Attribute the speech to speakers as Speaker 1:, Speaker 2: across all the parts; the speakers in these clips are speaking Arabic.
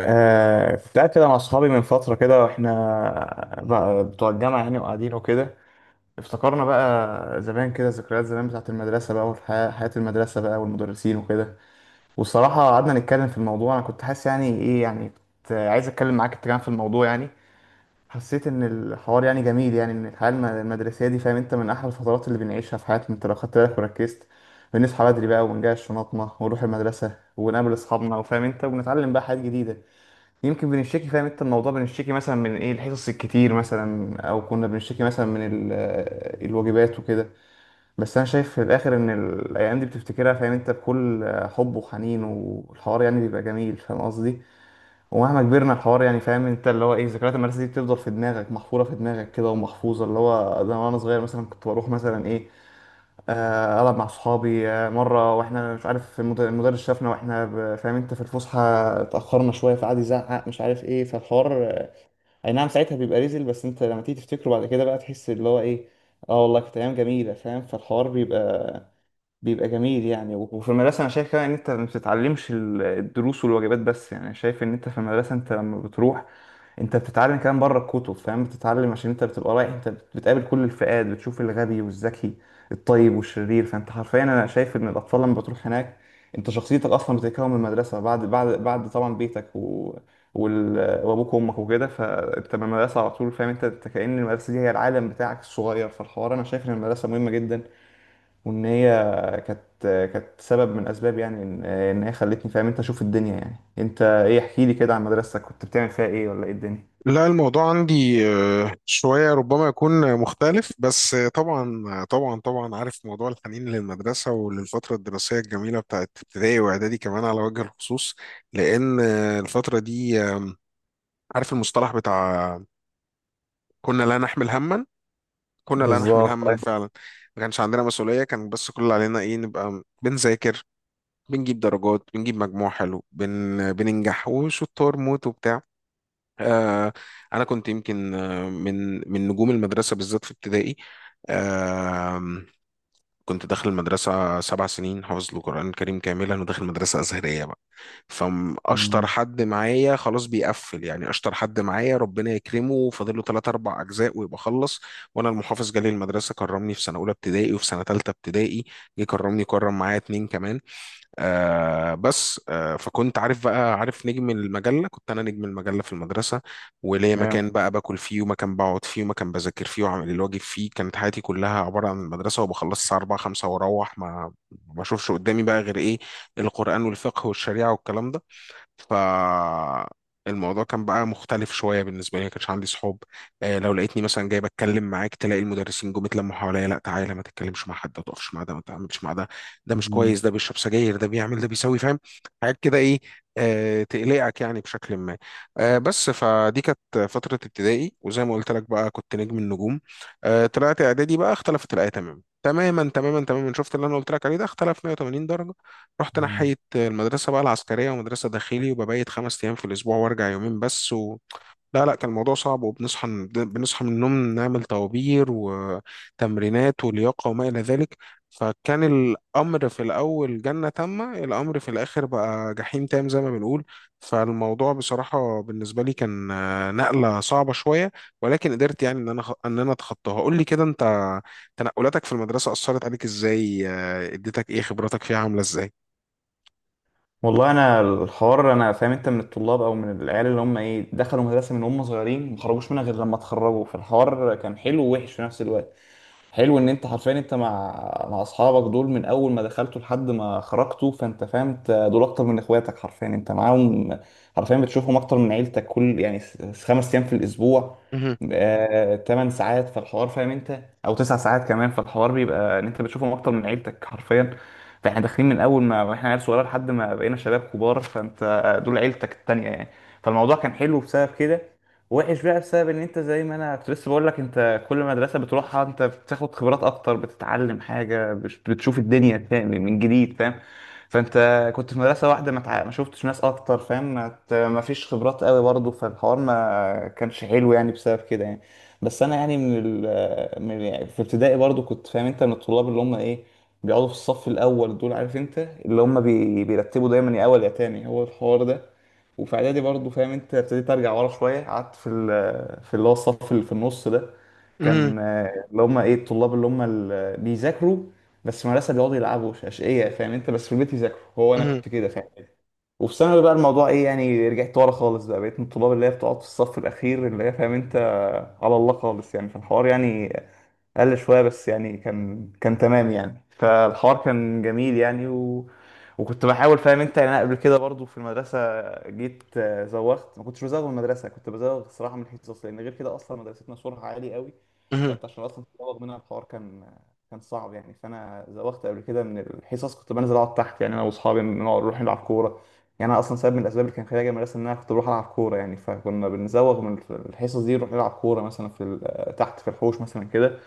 Speaker 1: كنت قاعد كده مع أصحابي من فترة كده، وإحنا بقى بتوع الجامعة يعني وقاعدين وكده. افتكرنا بقى زمان كده، ذكريات زمان بتاعة المدرسة بقى وحياة المدرسة بقى والمدرسين وكده. والصراحة قعدنا نتكلم في الموضوع، أنا كنت حاسس يعني إيه، يعني كنت عايز أتكلم معاك أنت كمان في الموضوع يعني. حسيت إن الحوار يعني جميل، يعني إن الحياة المدرسية دي فاهم أنت من أحلى الفترات اللي بنعيشها في حياتنا. أنت لو خدت بالك وركزت، بنصحى بدري بقى ونجهز شنطنا ونروح المدرسة ونقابل أصحابنا وفاهم أنت، وبنتعلم بقى حاجات جديدة. يمكن بنشتكي فاهم انت الموضوع، بنشتكي مثلا من ايه، الحصص الكتير مثلا، او كنا بنشتكي مثلا من الواجبات وكده. بس انا شايف في الاخر ان الايام دي بتفتكرها فاهم انت بكل حب وحنين، والحوار يعني بيبقى جميل فاهم قصدي. ومهما كبرنا الحوار يعني فاهم انت اللي هو ايه، ذكريات المدرسه دي بتفضل في دماغك، محفوره في دماغك كده ومحفوظه اللي هو ده. وانا صغير مثلا كنت بروح مثلا ايه، ألعب مع صحابي. مرة وإحنا مش عارف المدرس شافنا وإحنا فاهم أنت في الفسحة، اتأخرنا شوية فقعد يزعق مش عارف إيه. فالحوار أي نعم ساعتها بيبقى ريزل، بس أنت لما تيجي تفتكره بعد كده بقى تحس اللي هو إيه. آه والله كانت أيام جميلة فاهم. فالحوار بيبقى جميل يعني. وفي المدرسة أنا شايف كمان إن أنت ما بتتعلمش الدروس والواجبات بس، يعني شايف إن أنت في المدرسة أنت لما بتروح أنت بتتعلم كمان بره الكتب فاهم. بتتعلم عشان أنت بتبقى رايح، أنت بتقابل كل الفئات، بتشوف الغبي والذكي، الطيب والشرير. فأنت حرفيا أنا شايف إن الأطفال لما بتروح هناك أنت شخصيتك أصلا بتتكون من المدرسة بعد طبعا بيتك وال... وأبوك وأمك وكده. فأنت من المدرسة على طول فاهم أنت، أنت كأن المدرسة دي هي العالم بتاعك الصغير. فالحوار أنا شايف إن المدرسة مهمة جدا، وان هي كانت كانت سبب من اسباب، يعني ان إن هي خلتني فاهم انت اشوف الدنيا يعني. انت ايه، احكي لي كده عن مدرستك، كنت بتعمل فيها ايه ولا ايه الدنيا؟
Speaker 2: لا الموضوع عندي شوية ربما يكون مختلف بس طبعا طبعا عارف موضوع الحنين للمدرسة وللفترة الدراسية الجميلة بتاعت ابتدائي وإعدادي كمان على وجه الخصوص، لأن الفترة دي عارف المصطلح بتاع كنا لا نحمل هما كنا لا نحمل
Speaker 1: بالظبط،
Speaker 2: هما
Speaker 1: أيوة.
Speaker 2: فعلا. ما كانش عندنا مسؤولية، كان بس كل اللي علينا إيه، نبقى بنذاكر، بنجيب درجات، بنجيب مجموع حلو، بننجح وشطار موت وبتاع. آه، انا كنت يمكن من نجوم المدرسه بالذات في ابتدائي. آم، كنت داخل المدرسه سبع سنين حافظ القران الكريم كاملا وداخل مدرسه ازهريه بقى، فاشطر
Speaker 1: مم.
Speaker 2: حد معايا خلاص بيقفل، يعني اشطر حد معايا ربنا يكرمه فاضل له ثلاث اربع اجزاء ويبقى خلص. وانا المحافظ جالي المدرسه كرمني في سنه اولى ابتدائي وفي سنه ثالثه ابتدائي، جه كرمني كرم معايا اتنين كمان. آه بس آه فكنت عارف بقى، عارف نجم المجلة، كنت أنا نجم المجلة في المدرسة، وليا
Speaker 1: تمام.
Speaker 2: مكان بقى باكل فيه ومكان بقعد فيه ومكان بذاكر فيه وعامل الواجب فيه. كانت حياتي كلها عبارة عن المدرسة، وبخلص الساعة 4 5 وأروح ما أشوفش قدامي بقى غير إيه، القرآن والفقه والشريعة والكلام ده. فالموضوع كان بقى مختلف شويه بالنسبه لي، ما كانش عندي صحاب. لو لقيتني مثلا جاي بتكلم معاك، تلاقي المدرسين جم اتلموا حواليا، لا تعالى ما تتكلمش مع حد، ما تقفش مع ده، ما تعملش مع ده، ده مش
Speaker 1: مم.
Speaker 2: كويس، ده بيشرب سجاير، ده بيعمل، ده بيسوي، فاهم، حاجات كده ايه، تقلقك يعني بشكل ما. بس فدي كانت فتره ابتدائي، وزي ما قلت لك بقى كنت نجم النجوم. طلعت اعدادي بقى، اختلفت الايه تماما تماما تماما تماما، شفت اللي انا قلت لك عليه ده اختلف 180 درجه. رحت
Speaker 1: مم.
Speaker 2: ناحية المدرسة بقى العسكرية، ومدرسة داخلي وببيت خمس أيام في الأسبوع وأرجع يومين بس، لا لا كان الموضوع صعب، وبنصحى بنصحى من النوم نعمل طوابير وتمرينات ولياقة وما إلى ذلك. فكان الأمر في الأول جنة تامة، الأمر في الآخر بقى جحيم تام زي ما بنقول. فالموضوع بصراحة بالنسبة لي كان نقلة صعبة شوية، ولكن قدرت يعني إن أنا إن أنا أتخطاها. قول لي كده أنت، تنقلاتك في المدرسة أثرت عليك إزاي، اديتك إيه، خبراتك فيها عاملة إزاي؟
Speaker 1: والله انا الحوار انا فاهم انت من الطلاب او من العيال اللي هم ايه، دخلوا مدرسه من هم صغيرين ما خرجوش منها غير لما اتخرجوا. فالحوار كان حلو ووحش في نفس الوقت. حلو ان انت حرفيا انت مع مع اصحابك دول من اول ما دخلتوا لحد ما خرجتوا، فانت فاهم انت دول اكتر من اخواتك حرفيا. انت معاهم حرفيا بتشوفهم اكتر من عيلتك، كل يعني 5 ايام في الاسبوع،
Speaker 2: مهم،
Speaker 1: 8 ساعات في الحوار فاهم انت، او 9 ساعات كمان في الحوار. بيبقى ان انت بتشوفهم اكتر من عيلتك حرفيا. فاحنا داخلين من اول ما احنا عيال صغيره لحد ما بقينا شباب كبار، فانت دول عيلتك التانية يعني. فالموضوع كان حلو بسبب كده. وحش بقى بسبب ان انت زي ما انا كنت لسه بقول لك، انت كل مدرسه بتروحها انت بتاخد خبرات اكتر، بتتعلم حاجه، بتشوف الدنيا فاهم من جديد فاهم. فانت كنت في مدرسه واحده، ما شفتش ناس اكتر فاهم، ما فيش خبرات قوي برضه. فالحوار ما كانش حلو يعني بسبب كده يعني. بس انا يعني من يعني في ابتدائي برضه كنت فاهم انت من الطلاب اللي هم ايه، بيقعدوا في الصف الاول، دول عارف انت اللي هم بيرتبوا دايما يا اول يا تاني هو الحوار ده. وفي اعدادي برضه فاهم انت ابتديت ارجع ورا شويه، قعدت في في اللي هو الصف اللي في النص ده.
Speaker 2: مهم،
Speaker 1: كان اللي هم ايه الطلاب اللي هم اللي بيذاكروا بس مدرسه، بيقعدوا يلعبوا اشقياء فاهم انت، بس في البيت يذاكروا. هو انا
Speaker 2: مهم،
Speaker 1: كنت كده فاهم. وفي ثانوي بقى الموضوع ايه يعني، رجعت ورا خالص بقى، بقيت من الطلاب اللي هي بتقعد في الصف الاخير اللي هي فاهم انت على الله خالص يعني في الحوار يعني، قل شوية بس يعني، كان تمام يعني. فالحوار كان جميل يعني وكنت بحاول فاهم انت يعني. انا قبل كده برضو في المدرسة جيت زوغت. ما كنتش بزوغ من المدرسة، كنت بزوغ صراحة من الحصص، لأن غير كده أصلا مدرستنا سورها عالي قوي.
Speaker 2: مهم.
Speaker 1: فأنت عشان أصلا تزوغ منها الحوار كان صعب يعني. فأنا زوغت قبل كده من الحصص، كنت بنزل أقعد تحت يعني، أنا وأصحابي نقعد نروح نلعب كورة يعني. أنا أصلا سبب من الأسباب اللي كان خلاني أجي من المدرسة إن أنا كنت بروح ألعب كورة يعني، فكنا بنزوغ من الحصص دي نروح نلعب كورة مثلا في تحت في الحوش مثلا كده.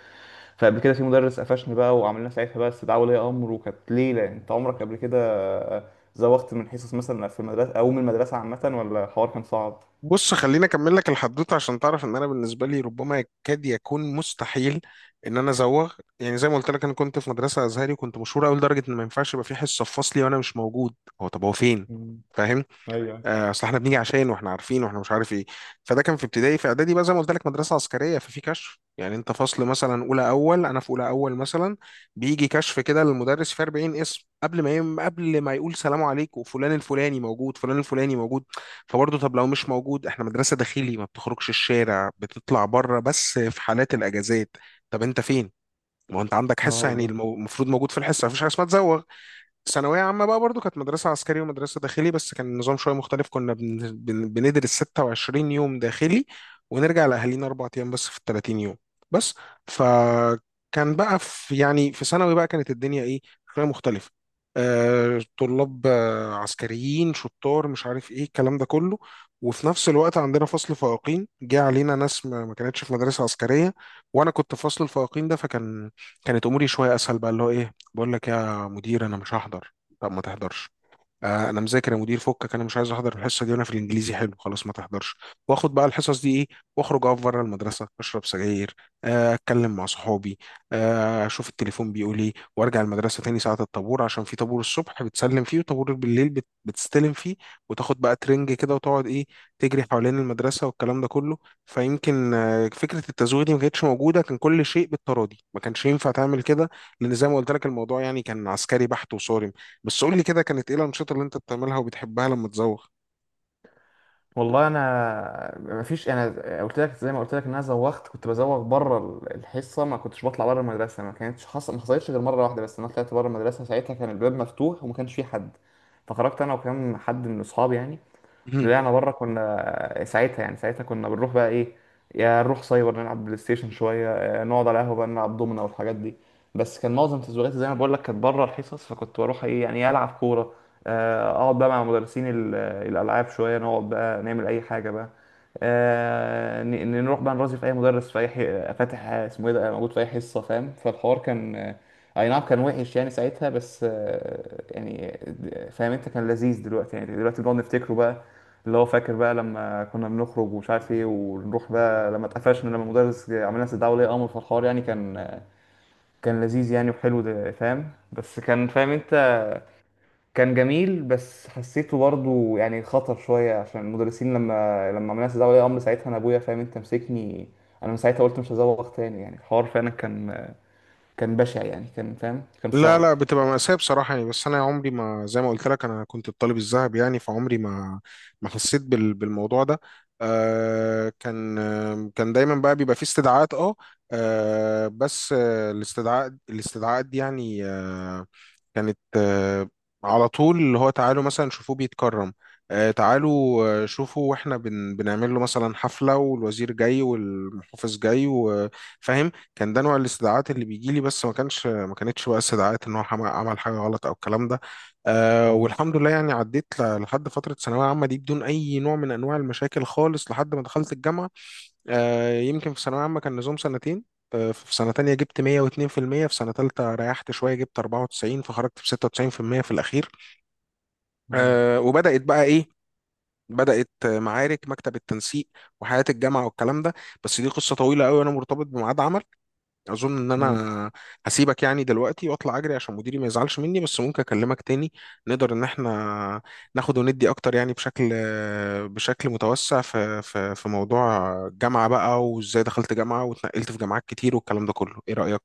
Speaker 1: فقبل كده في مدرس قفشني بقى، وعملنا ساعتها بقى استدعاء ولي امر، وكانت ليله. انت عمرك قبل كده زوغت من حصص مثلا في المدرسه او من المدرسه عامه، ولا الحوار كان صعب؟
Speaker 2: بص خليني اكمل لك الحدوته عشان تعرف ان انا بالنسبه لي ربما يكاد يكون مستحيل ان انا ازوغ. يعني زي ما قلت لك انا كنت في مدرسه ازهري وكنت مشهور قوي، لدرجه ان ما ينفعش يبقى في حصه في فصلي وانا مش موجود، هو طب هو فين؟
Speaker 1: مم.
Speaker 2: فاهم؟
Speaker 1: ايوه.
Speaker 2: اصل احنا بنيجي عشان واحنا عارفين واحنا مش عارف ايه. فده كان في ابتدائي. في اعدادي بقى زي ما قلت لك مدرسه عسكريه، ففي كشف يعني، انت فصل مثلا اولى اول، انا في اولى اول مثلا، بيجي كشف كده للمدرس في 40 اسم قبل ما قبل ما يقول سلام عليكم، فلان الفلاني موجود، فلان الفلاني موجود. فبرضه، طب لو مش موجود، احنا مدرسه داخلي، ما بتخرجش الشارع، بتطلع بره بس في حالات الاجازات. طب انت فين؟ ما هو انت عندك
Speaker 1: اه
Speaker 2: حصه، يعني
Speaker 1: بالظبط.
Speaker 2: المفروض موجود في الحصه، مفيش حاجه اسمها تزوغ. ثانوية عامة بقى برضو كانت مدرسة عسكري ومدرسة داخلي، بس كان النظام شوية مختلف، كنا بندرس 26 يوم داخلي، ونرجع لأهالينا أربع أيام بس في ال 30 يوم بس. فكان بقى في، يعني في ثانوي بقى كانت الدنيا إيه، شوية مختلفة. طلاب عسكريين شطار مش عارف إيه الكلام ده كله، وفي نفس الوقت عندنا فصل فائقين جه علينا ناس ما كانتش في مدرسة عسكرية. وأنا كنت في فصل الفائقين ده، فكان، كانت أموري شوية أسهل بقى، اللي هو إيه، بقول لك يا مدير انا مش هحضر، طب ما تحضرش. آه انا مذاكر يا مدير فكك، انا مش عايز احضر الحصه دي، وانا في الانجليزي حلو، خلاص ما تحضرش. واخد بقى الحصص دي ايه، واخرج اقف بره المدرسه اشرب سجاير، آه اتكلم مع صحابي، آه اشوف التليفون بيقول ايه، وارجع المدرسه تاني ساعه الطابور، عشان في طابور الصبح بتسلم فيه وطابور بالليل بتستلم فيه. وتاخد بقى ترنج كده وتقعد ايه، تجري حوالين المدرسه والكلام ده كله. فيمكن آه فكره التزويغ دي ما كانتش موجوده، كان كل شيء بالتراضي، ما كانش ينفع تعمل كده، لان زي ما قلت لك الموضوع يعني كان عسكري بحت وصارم. بس قول لي كده، كانت ايه الانشطه اللي انت بتعملها وبتحبها لما تزوغ؟
Speaker 1: والله انا مفيش، انا قلت لك زي ما قلت لك ان انا زوغت، كنت بزوغ بره الحصه، ما كنتش بطلع بره المدرسه. ما كانتش حصل ما حصلتش غير مره واحده، بس انا طلعت بره المدرسه ساعتها كان الباب مفتوح وما كانش فيه حد. فخرجت انا وكام حد من اصحابي يعني،
Speaker 2: مهم.
Speaker 1: طلعنا بره. كنا ساعتها يعني ساعتها كنا بنروح بقى ايه، يا نروح سايبر نلعب بلاي ستيشن شويه، نقعد على قهوه بقى نلعب دومنا والحاجات دي. بس كان معظم تزويغاتي زي ما بقول لك كانت بره الحصص، فكنت بروح ايه يعني إيه، العب كوره، اقعد بقى مع مدرسين الالعاب شويه، نقعد بقى نعمل اي حاجه بقى. نروح بقى نرازي في اي مدرس في اي فاتح اسمه ايه ده موجود في اي حصه فاهم. فالحوار كان اي نعم كان وحش يعني ساعتها، بس يعني فاهم انت كان لذيذ. دلوقتي يعني دلوقتي بنقعد نفتكره بقى، اللي هو فاكر بقى لما كنا بنخرج ومش عارف ايه، ونروح بقى لما اتقفشنا لما المدرس عمل لنا استدعاء ولي امر. في الحوار يعني كان لذيذ يعني وحلو ده فاهم. بس كان فاهم انت كان جميل. بس حسيته برضه يعني خطر شويه، عشان المدرسين لما عملنا استدعاء ولي امر ساعتها انا ابويا فاهم انت مسكني. انا من ساعتها قلت مش هزوغ تاني يعني. الحوار فعلا كان بشع يعني، كان فاهم كان
Speaker 2: لا
Speaker 1: صعب.
Speaker 2: لا بتبقى مأساة بصراحة يعني، بس أنا عمري ما، زي ما قلت لك أنا كنت الطالب الذهب يعني، فعمري ما ما حسيت بالموضوع ده. آه كان آه كان دايما بقى بيبقى فيه استدعاءات، أه آه، بس آه الاستدعاءات دي يعني كانت على طول اللي هو تعالوا مثلا شوفوه بيتكرم، تعالوا شوفوا، واحنا بنعمل له مثلا حفلة والوزير جاي والمحافظ جاي، وفاهم، كان ده نوع الاستدعاءات اللي بيجي لي. بس ما كانش ما كانتش بقى استدعاءات ان هو عمل حاجة غلط او الكلام ده.
Speaker 1: مم.
Speaker 2: والحمد لله يعني عديت لحد فترة ثانوية عامة دي بدون اي نوع من انواع المشاكل خالص لحد ما دخلت الجامعة. يمكن في ثانوية عامة كان نظام سنتين، في سنة تانية جبت 102% في المية، في سنة تالتة ريحت شوية جبت 94، فخرجت ب 96% في المية في الأخير.
Speaker 1: مم.
Speaker 2: وبدأت بقى إيه، بدأت معارك مكتب التنسيق وحياة الجامعة والكلام ده. بس دي قصة طويلة قوي، أنا مرتبط بميعاد عمل، اظن ان
Speaker 1: امم.
Speaker 2: انا هسيبك يعني دلوقتي واطلع اجري عشان مديري ما يزعلش مني. بس ممكن اكلمك تاني، نقدر ان احنا ناخد وندي اكتر يعني، بشكل، بشكل متوسع في موضوع الجامعة بقى، وازاي دخلت جامعة واتنقلت في جامعات كتير والكلام ده كله، ايه رأيك؟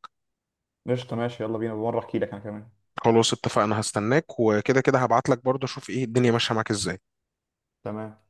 Speaker 1: قشطه، ماشي، يلا بينا بمره احكي لك انا كمان.
Speaker 2: خلاص اتفقنا، هستناك، وكده كده هبعت لك برضه اشوف ايه الدنيا ماشية معاك ازاي.
Speaker 1: تمام.